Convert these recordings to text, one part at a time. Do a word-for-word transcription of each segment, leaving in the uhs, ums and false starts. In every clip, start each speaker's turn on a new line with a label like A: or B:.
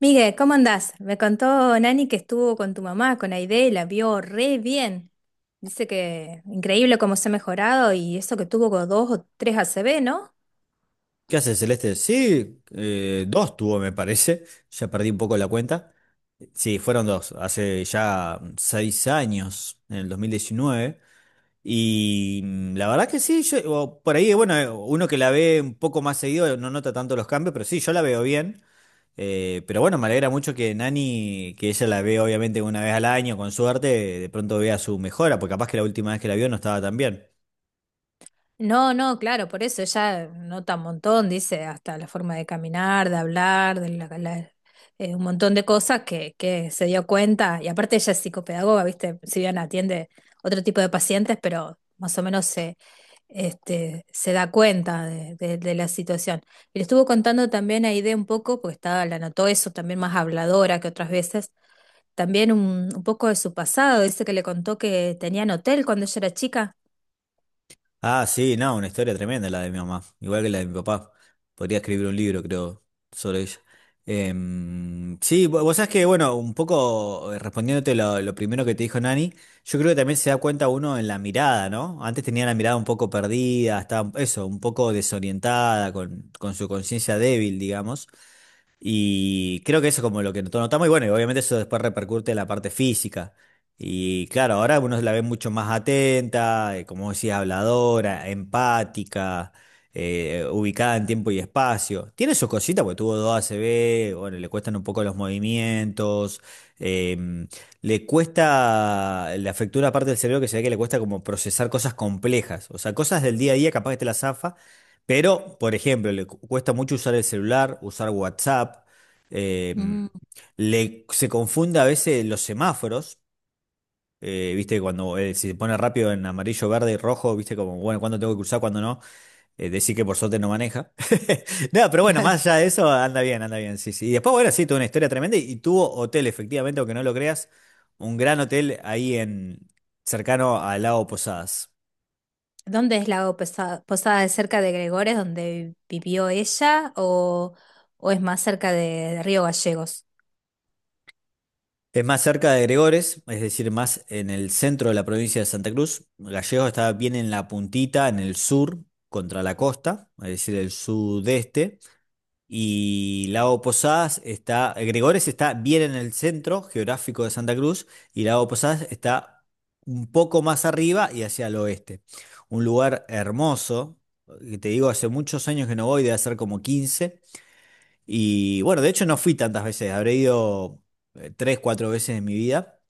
A: Miguel, ¿cómo andás? Me contó Nani que estuvo con tu mamá, con Aide, y la vio re bien. Dice que increíble cómo se ha mejorado y eso que tuvo con dos o tres A C V, ¿no?
B: ¿Qué hace Celeste? Sí, eh, dos tuvo, me parece. Ya perdí un poco la cuenta. Sí, fueron dos, hace ya mm, seis años, en el dos mil diecinueve. Y mm, la verdad que sí, yo- o por ahí, bueno, eh, uno que la ve un poco más seguido no nota tanto los cambios, pero sí, yo la veo bien. Eh, pero bueno, me alegra mucho que Nani, que ella la ve obviamente una vez al año, con suerte, de pronto vea su mejora, porque capaz que la última vez que la vio no estaba tan bien.
A: No, no, claro, por eso ella nota un montón, dice, hasta la forma de caminar, de hablar, de la- la- eh, un montón de cosas que, que se dio cuenta. Y aparte ella es psicopedagoga, ¿viste? Si bien atiende otro tipo de pacientes, pero más o menos se, este, se da cuenta de, de- de la situación. Y le estuvo contando también a Aide un poco, porque estaba, la notó eso, también más habladora que otras veces, también un, un poco de su pasado. Dice que le contó que tenía en hotel cuando ella era chica.
B: Ah, sí, no, una historia tremenda la de mi mamá, igual que la de mi papá. Podría escribir un libro, creo, sobre ella. Em, sí, vo- vos sabés que, bueno, un poco eh, respondiéndote lo, lo primero que te dijo Nani, yo creo que también se da cuenta uno en la mirada, ¿no? Antes tenía la mirada un poco perdida, estaba, eso, un poco desorientada, con, con su conciencia débil, digamos. Y creo que eso es como lo que not- notamos, y bueno, y obviamente eso después repercute en la parte física. Y claro, ahora uno la ve mucho más atenta, eh, como decía, habladora, empática, eh, ubicada en tiempo y espacio. Tiene sus cositas, porque tuvo dos A C A C V, bueno, le cuestan un poco los movimientos, em, le cuesta, le afectó una parte del cerebro que se ve que le cuesta como procesar cosas complejas, o sea, cosas del día a día capaz que te la zafa, pero, por ejemplo, le cu- cuesta mucho usar el celular, usar WhatsApp, eh,
A: Mm.
B: le, se confunde a veces los semáforos, eh, viste, cuando eh, si se pone rápido en amarillo, verde y rojo, viste, como, bueno, cuándo tengo que cruzar, cuándo no, eh, decir que por suerte no maneja. No, pero bueno, más allá de eso, anda bien, anda bien, sí, sí. Y después, bueno, sí, tuvo una historia tremenda y, y tuvo hotel, efectivamente, aunque no lo creas, un gran hotel ahí en, cercano al lago Posadas.
A: ¿Dónde es Lago Pesa- Posada? ¿Es cerca de Gregores, donde vivió ella, o, o es más cerca de de Río Gallegos?
B: Es más cerca de Gregores, es decir, más en el centro de la provincia de Santa Cruz. Gallegos está bien en la puntita, en el sur, contra la costa, es decir, el sudeste. Y Lago Posadas está, Gregores está bien en el centro geográfico de Santa Cruz y Lago Posadas está un poco más arriba y hacia el oeste. Un lugar hermoso, que te digo, hace muchos años que no voy, debe ser como quince. Y bueno, de hecho no fui tantas veces, habré ido eh, tres, cuatro veces en mi vida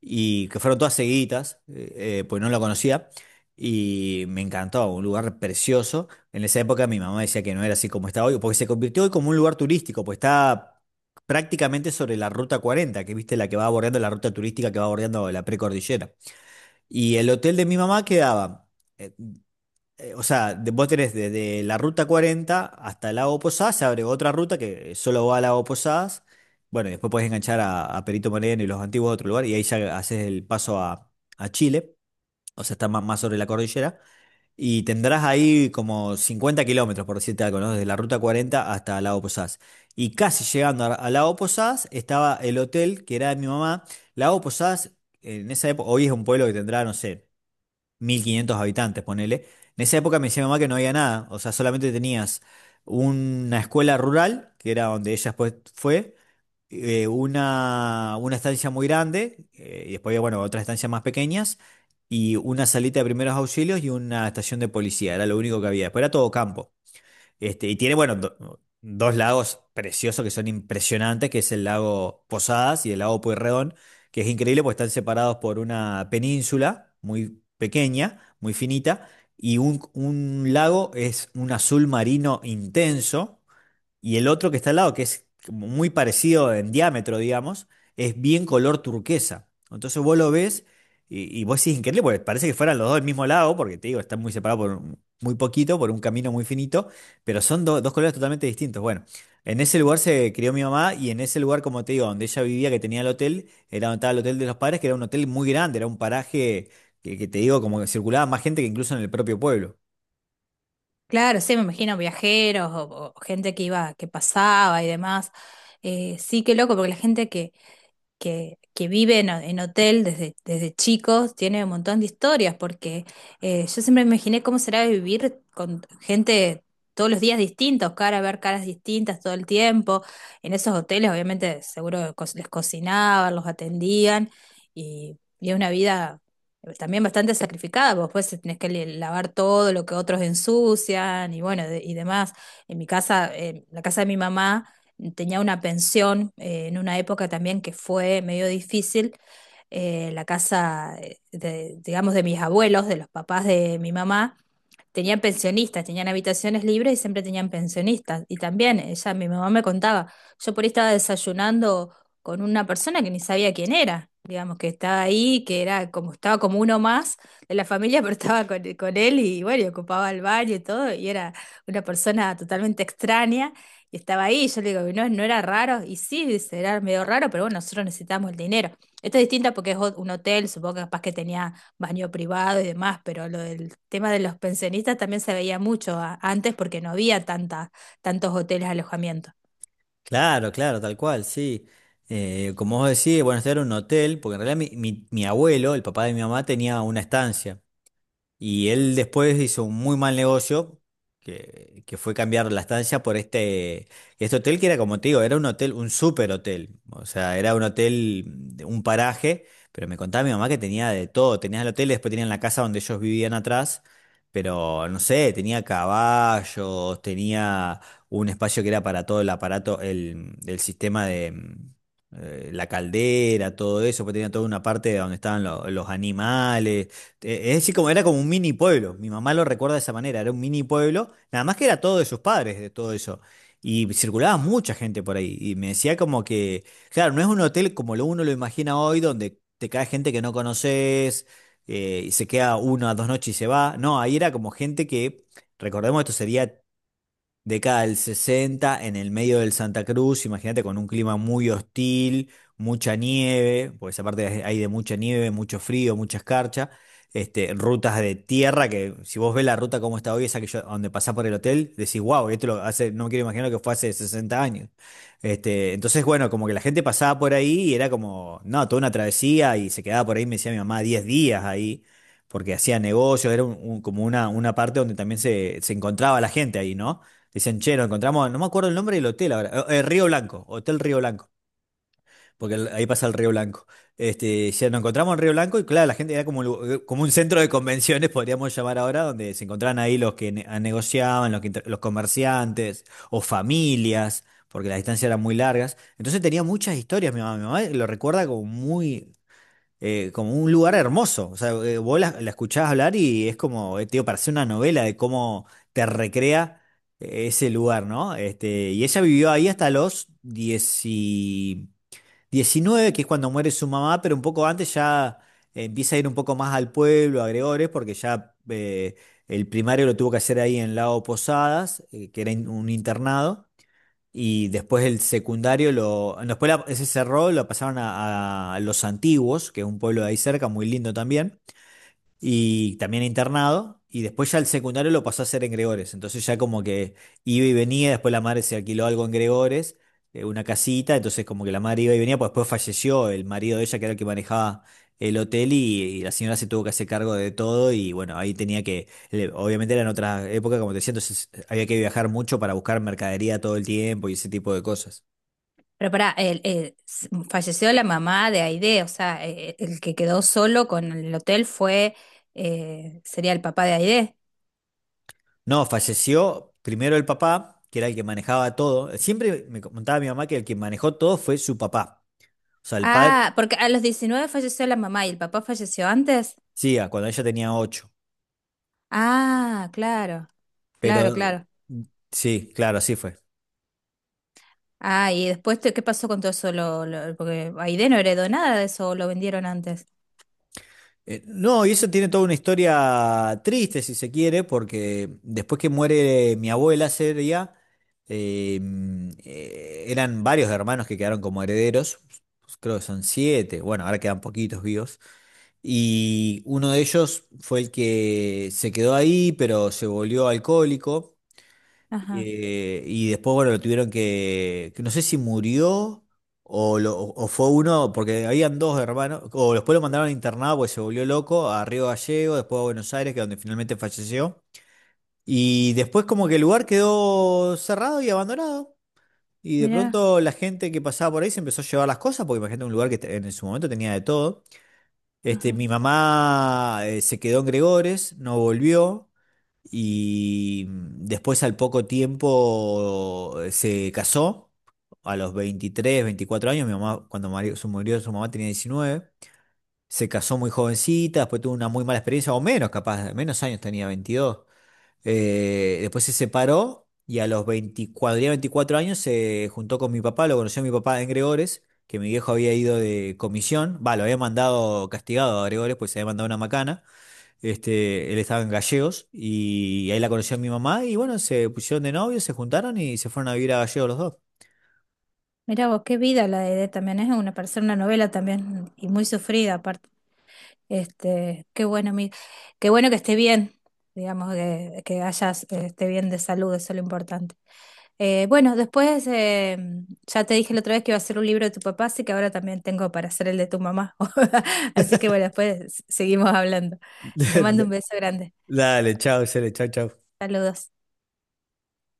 B: y que fueron todas seguiditas, eh, eh, pues no la conocía, y me encantó, un lugar precioso. En esa época mi mamá decía que no era así como está hoy, porque se convirtió hoy como un lugar turístico, pues está prácticamente sobre la ruta cuarenta que viste la que va bordeando la ruta turística que va bordeando la precordillera. Y el hotel de mi mamá quedaba. eh, eh, o sea, de- vos tenés desde la ruta cuarenta hasta el Lago Posadas, se abre otra ruta que solo va al Lago Posadas. Bueno, y después podés enganchar a, a Perito Moreno y los antiguos a otro lugar, y ahí ya haces el paso a, a Chile, o sea, está más, más sobre la cordillera. Y tendrás ahí como cincuenta kilómetros, por decirte algo, ¿no? Desde la ruta cuarenta hasta el Lago Posadas. Y casi llegando a, a Lago Posadas estaba el hotel que era de mi mamá. Lago Posadas, en esa época, hoy es un pueblo que tendrá, no sé. mil quinientos habitantes, ponele. En esa época me decía mi mamá que no había nada, o sea, solamente tenías una escuela rural, que era donde ella después fue, eh, una, una estancia muy grande, eh, y después había, bueno, otras estancias más pequeñas, y una salita de primeros auxilios y una estación de policía, era lo único que había. Después era todo campo. Este, y tiene, bueno, do- dos lagos preciosos que son impresionantes, que es el lago Posadas y el lago Pueyrredón, que es increíble porque están separados por una península muy pequeña, muy finita, y un, un lago es un azul marino intenso y el otro que está al lado, que es como muy parecido en diámetro, digamos, es bien color turquesa. Entonces vos lo ves y, y vos decís increíble, porque parece que fueran los dos del mismo lado, porque te digo, están muy separados por un- muy poquito, por un camino muy finito, pero son do- dos colores totalmente distintos. Bueno, en ese lugar se crió mi mamá y en ese lugar, como te digo, donde ella vivía, que tenía el hotel, era donde estaba el hotel de los padres, que era un hotel muy grande, era un paraje que, que te digo, como que circulaba más gente que incluso en el propio pueblo.
A: Claro, sí, me imagino viajeros o, o gente que iba, que pasaba y demás. Eh, sí, qué loco, porque la gente que, que, que vive en, en hotel desde, desde chicos tiene un montón de historias, porque eh, yo siempre me imaginé cómo será vivir con gente todos los días distintos, cara, ver caras distintas todo el tiempo. En esos hoteles, obviamente, seguro co- les cocinaban, los atendían, y, y es una vida también bastante sacrificada, porque después tenés que le- lavar todo lo que otros ensucian y bueno, de- y demás. En mi casa, en la casa de mi mamá, tenía una pensión eh, en una época también que fue medio difícil, eh, la casa, eh, de, digamos, de mis abuelos, de los papás de mi mamá, tenían pensionistas, tenían habitaciones libres y siempre tenían pensionistas. Y también ella, mi mamá me contaba, yo por ahí estaba desayunando con una persona que ni sabía quién era, digamos, que estaba ahí, que era como, estaba como uno más de la familia, pero estaba con, con él y bueno, y ocupaba el baño y todo, y era una persona totalmente extraña. Y estaba ahí, y yo le digo, no, no era raro, y sí, dice, era medio raro, pero bueno, nosotros necesitamos el dinero. Esto es distinto porque es ho- un hotel, supongo que capaz que tenía baño privado y demás, pero lo del tema de los pensionistas también se veía mucho a- antes porque no había tanta, tantos hoteles de alojamiento.
B: Claro, claro, tal cual, sí. Eh, como vos decís, bueno, este era un hotel, porque en realidad mi, mi- mi abuelo, el papá de mi mamá, tenía una estancia. Y él después hizo un muy mal negocio, que, que fue cambiar la estancia por este, este hotel que era, como te digo, era un hotel, un super hotel. O sea, era un hotel, de un paraje, pero me contaba mi mamá que tenía de todo. Tenías el hotel, después tenían la casa donde ellos vivían atrás, pero no sé, tenía caballos, tenía un espacio que era para todo el aparato, el, el sistema de... mm, eh, la caldera, todo eso, pues tenía toda una parte donde estaban lo- los animales, eh, es decir, como era como un mini pueblo. Mi mamá lo recuerda de esa manera. Era un mini pueblo, nada más que era todo de sus padres, de todo eso. Y circulaba mucha gente por ahí. Y me decía como que, claro, no es un hotel como lo uno lo imagina hoy, donde te cae gente que no conoces eh, y se queda uno a dos noches y se va. No, ahí era como gente que, recordemos, esto sería década del sesenta, en el medio del Santa Cruz, imagínate con un clima muy hostil, mucha nieve, porque esa parte hay de mucha nieve, mucho frío, mucha escarcha, este, rutas de tierra que si vos ves la ruta como está hoy, esa que yo, donde pasás por el hotel, decís, wow, esto lo hace, no me quiero imaginar lo que fue hace sesenta años. Este, entonces, bueno, como que la gente pasaba por ahí y era como, no, toda una travesía y se quedaba por ahí, me decía mi mamá, diez días ahí, porque hacía negocios, era un- un- como una, una parte donde también se, se encontraba la gente ahí, ¿no? Dicen, che, nos encontramos, no me acuerdo el nombre del hotel ahora, eh, eh, Río Blanco, Hotel Río Blanco, porque el- ahí pasa el Río Blanco. Este, ya nos encontramos en Río Blanco y claro, la gente era como, un lu- como un centro de convenciones, podríamos llamar ahora, donde se encontraban ahí los que ne- negociaban, los, que inter- los comerciantes o familias, porque las distancias eran muy largas. Entonces tenía muchas historias, mi mamá, mi mamá lo recuerda como muy, eh, como un lugar hermoso. O sea, eh, vos la, la escuchás hablar y es como, eh, tío, parece una novela de cómo te recrea eh, ese lugar, ¿no? Este, y ella vivió ahí hasta los diecinueve, diecinueve, que es cuando muere su mamá, pero un poco antes ya empieza a ir un poco más al pueblo, a Gregores, porque ya eh, el primario lo tuvo que hacer ahí en Lago Posadas, eh, que era in- un internado. Y después el secundario, lo, después la- ese cerró, lo pasaron a, a Los Antiguos, que es un pueblo de ahí cerca, muy lindo también y también internado. Y después ya el secundario lo pasó a hacer en Gregores. Entonces ya como que iba y venía, después la madre se alquiló algo en Gregores, eh, una casita, entonces como que la madre iba y venía, pues después falleció el marido de ella, que era el que manejaba el hotel, y, y la señora se tuvo que hacer cargo de todo, y bueno, ahí tenía que, le- obviamente era en otra época, como te decía, entonces había que viajar mucho para buscar mercadería todo el tiempo y ese tipo de cosas.
A: Pero pará, el- el- s- falleció la mamá de Aide, o sea, eh, el que quedó solo con el hotel fue, eh, sería el papá de Aide.
B: No, falleció primero el papá, que era el que manejaba todo. Siempre me contaba mi mamá que el que manejó todo fue su papá. O sea, el padre,
A: Ah, porque a los diecinueve falleció la mamá y el papá falleció antes.
B: sí, a cuando ella tenía ocho,
A: Ah, claro, claro,
B: pero
A: claro.
B: mm, sí, claro, así fue.
A: Ah, y después, te- ¿qué pasó con todo eso? Lo, lo- porque Aide no heredó nada de eso, lo vendieron antes.
B: Eh, no, y eso tiene toda una historia triste, si se quiere, porque después que muere mi abuela sería, eh, mm, eh, eran varios hermanos que quedaron como herederos, creo que son siete, bueno, ahora quedan poquitos vivos. Y uno de ellos fue el que se quedó ahí, pero se volvió alcohólico.
A: Ajá,
B: Eh, y después, bueno, lo tuvieron que, que no sé si murió o, lo- o fue uno, porque habían dos hermanos, o después lo mandaron internado porque se volvió loco a Río Gallego, después a Buenos Aires, que es donde finalmente falleció. Y después como que el lugar quedó cerrado y abandonado. Y de
A: mirá.
B: pronto la gente que pasaba por ahí se empezó a llevar las cosas, porque imagínate un lugar que te- en su momento tenía de todo. Este,
A: Ajá.
B: mi mamá eh, se quedó en Gregores, no volvió. Y mm, después al poco tiempo eh, se casó, a los veintitrés veinticuatro años, mi mamá, cuando mari- su- murió su mamá tenía diecinueve, se casó muy jovencita, después tuvo una muy mala experiencia, o menos capaz, menos años tenía, veintidós. Eh, después se separó y a los veinte cuando tenía veinticuatro años se juntó con mi papá, lo conoció mi papá en Gregores, que mi viejo había ido de comisión, va, lo había mandado castigado a Gregores, pues se había mandado una macana. Este, él estaba en Gallegos y ahí la conoció mi mamá y bueno, se pusieron de novios, se juntaron y se fueron a vivir a Gallegos los dos.
A: Mira vos, qué vida la de Edith, también es una persona, una novela también, y muy sufrida aparte. Este, qué bueno, mi- qué bueno que esté bien, digamos, que, que hayas, eh, esté bien de salud, eso es lo importante. Eh, bueno, después, eh, ya te dije la otra vez que iba a hacer un libro de tu papá, así que ahora también tengo para hacer el de tu mamá. Así que bueno, después seguimos hablando. Te mando un beso grande.
B: Dale, chao, Cele, chao, chao.
A: Saludos.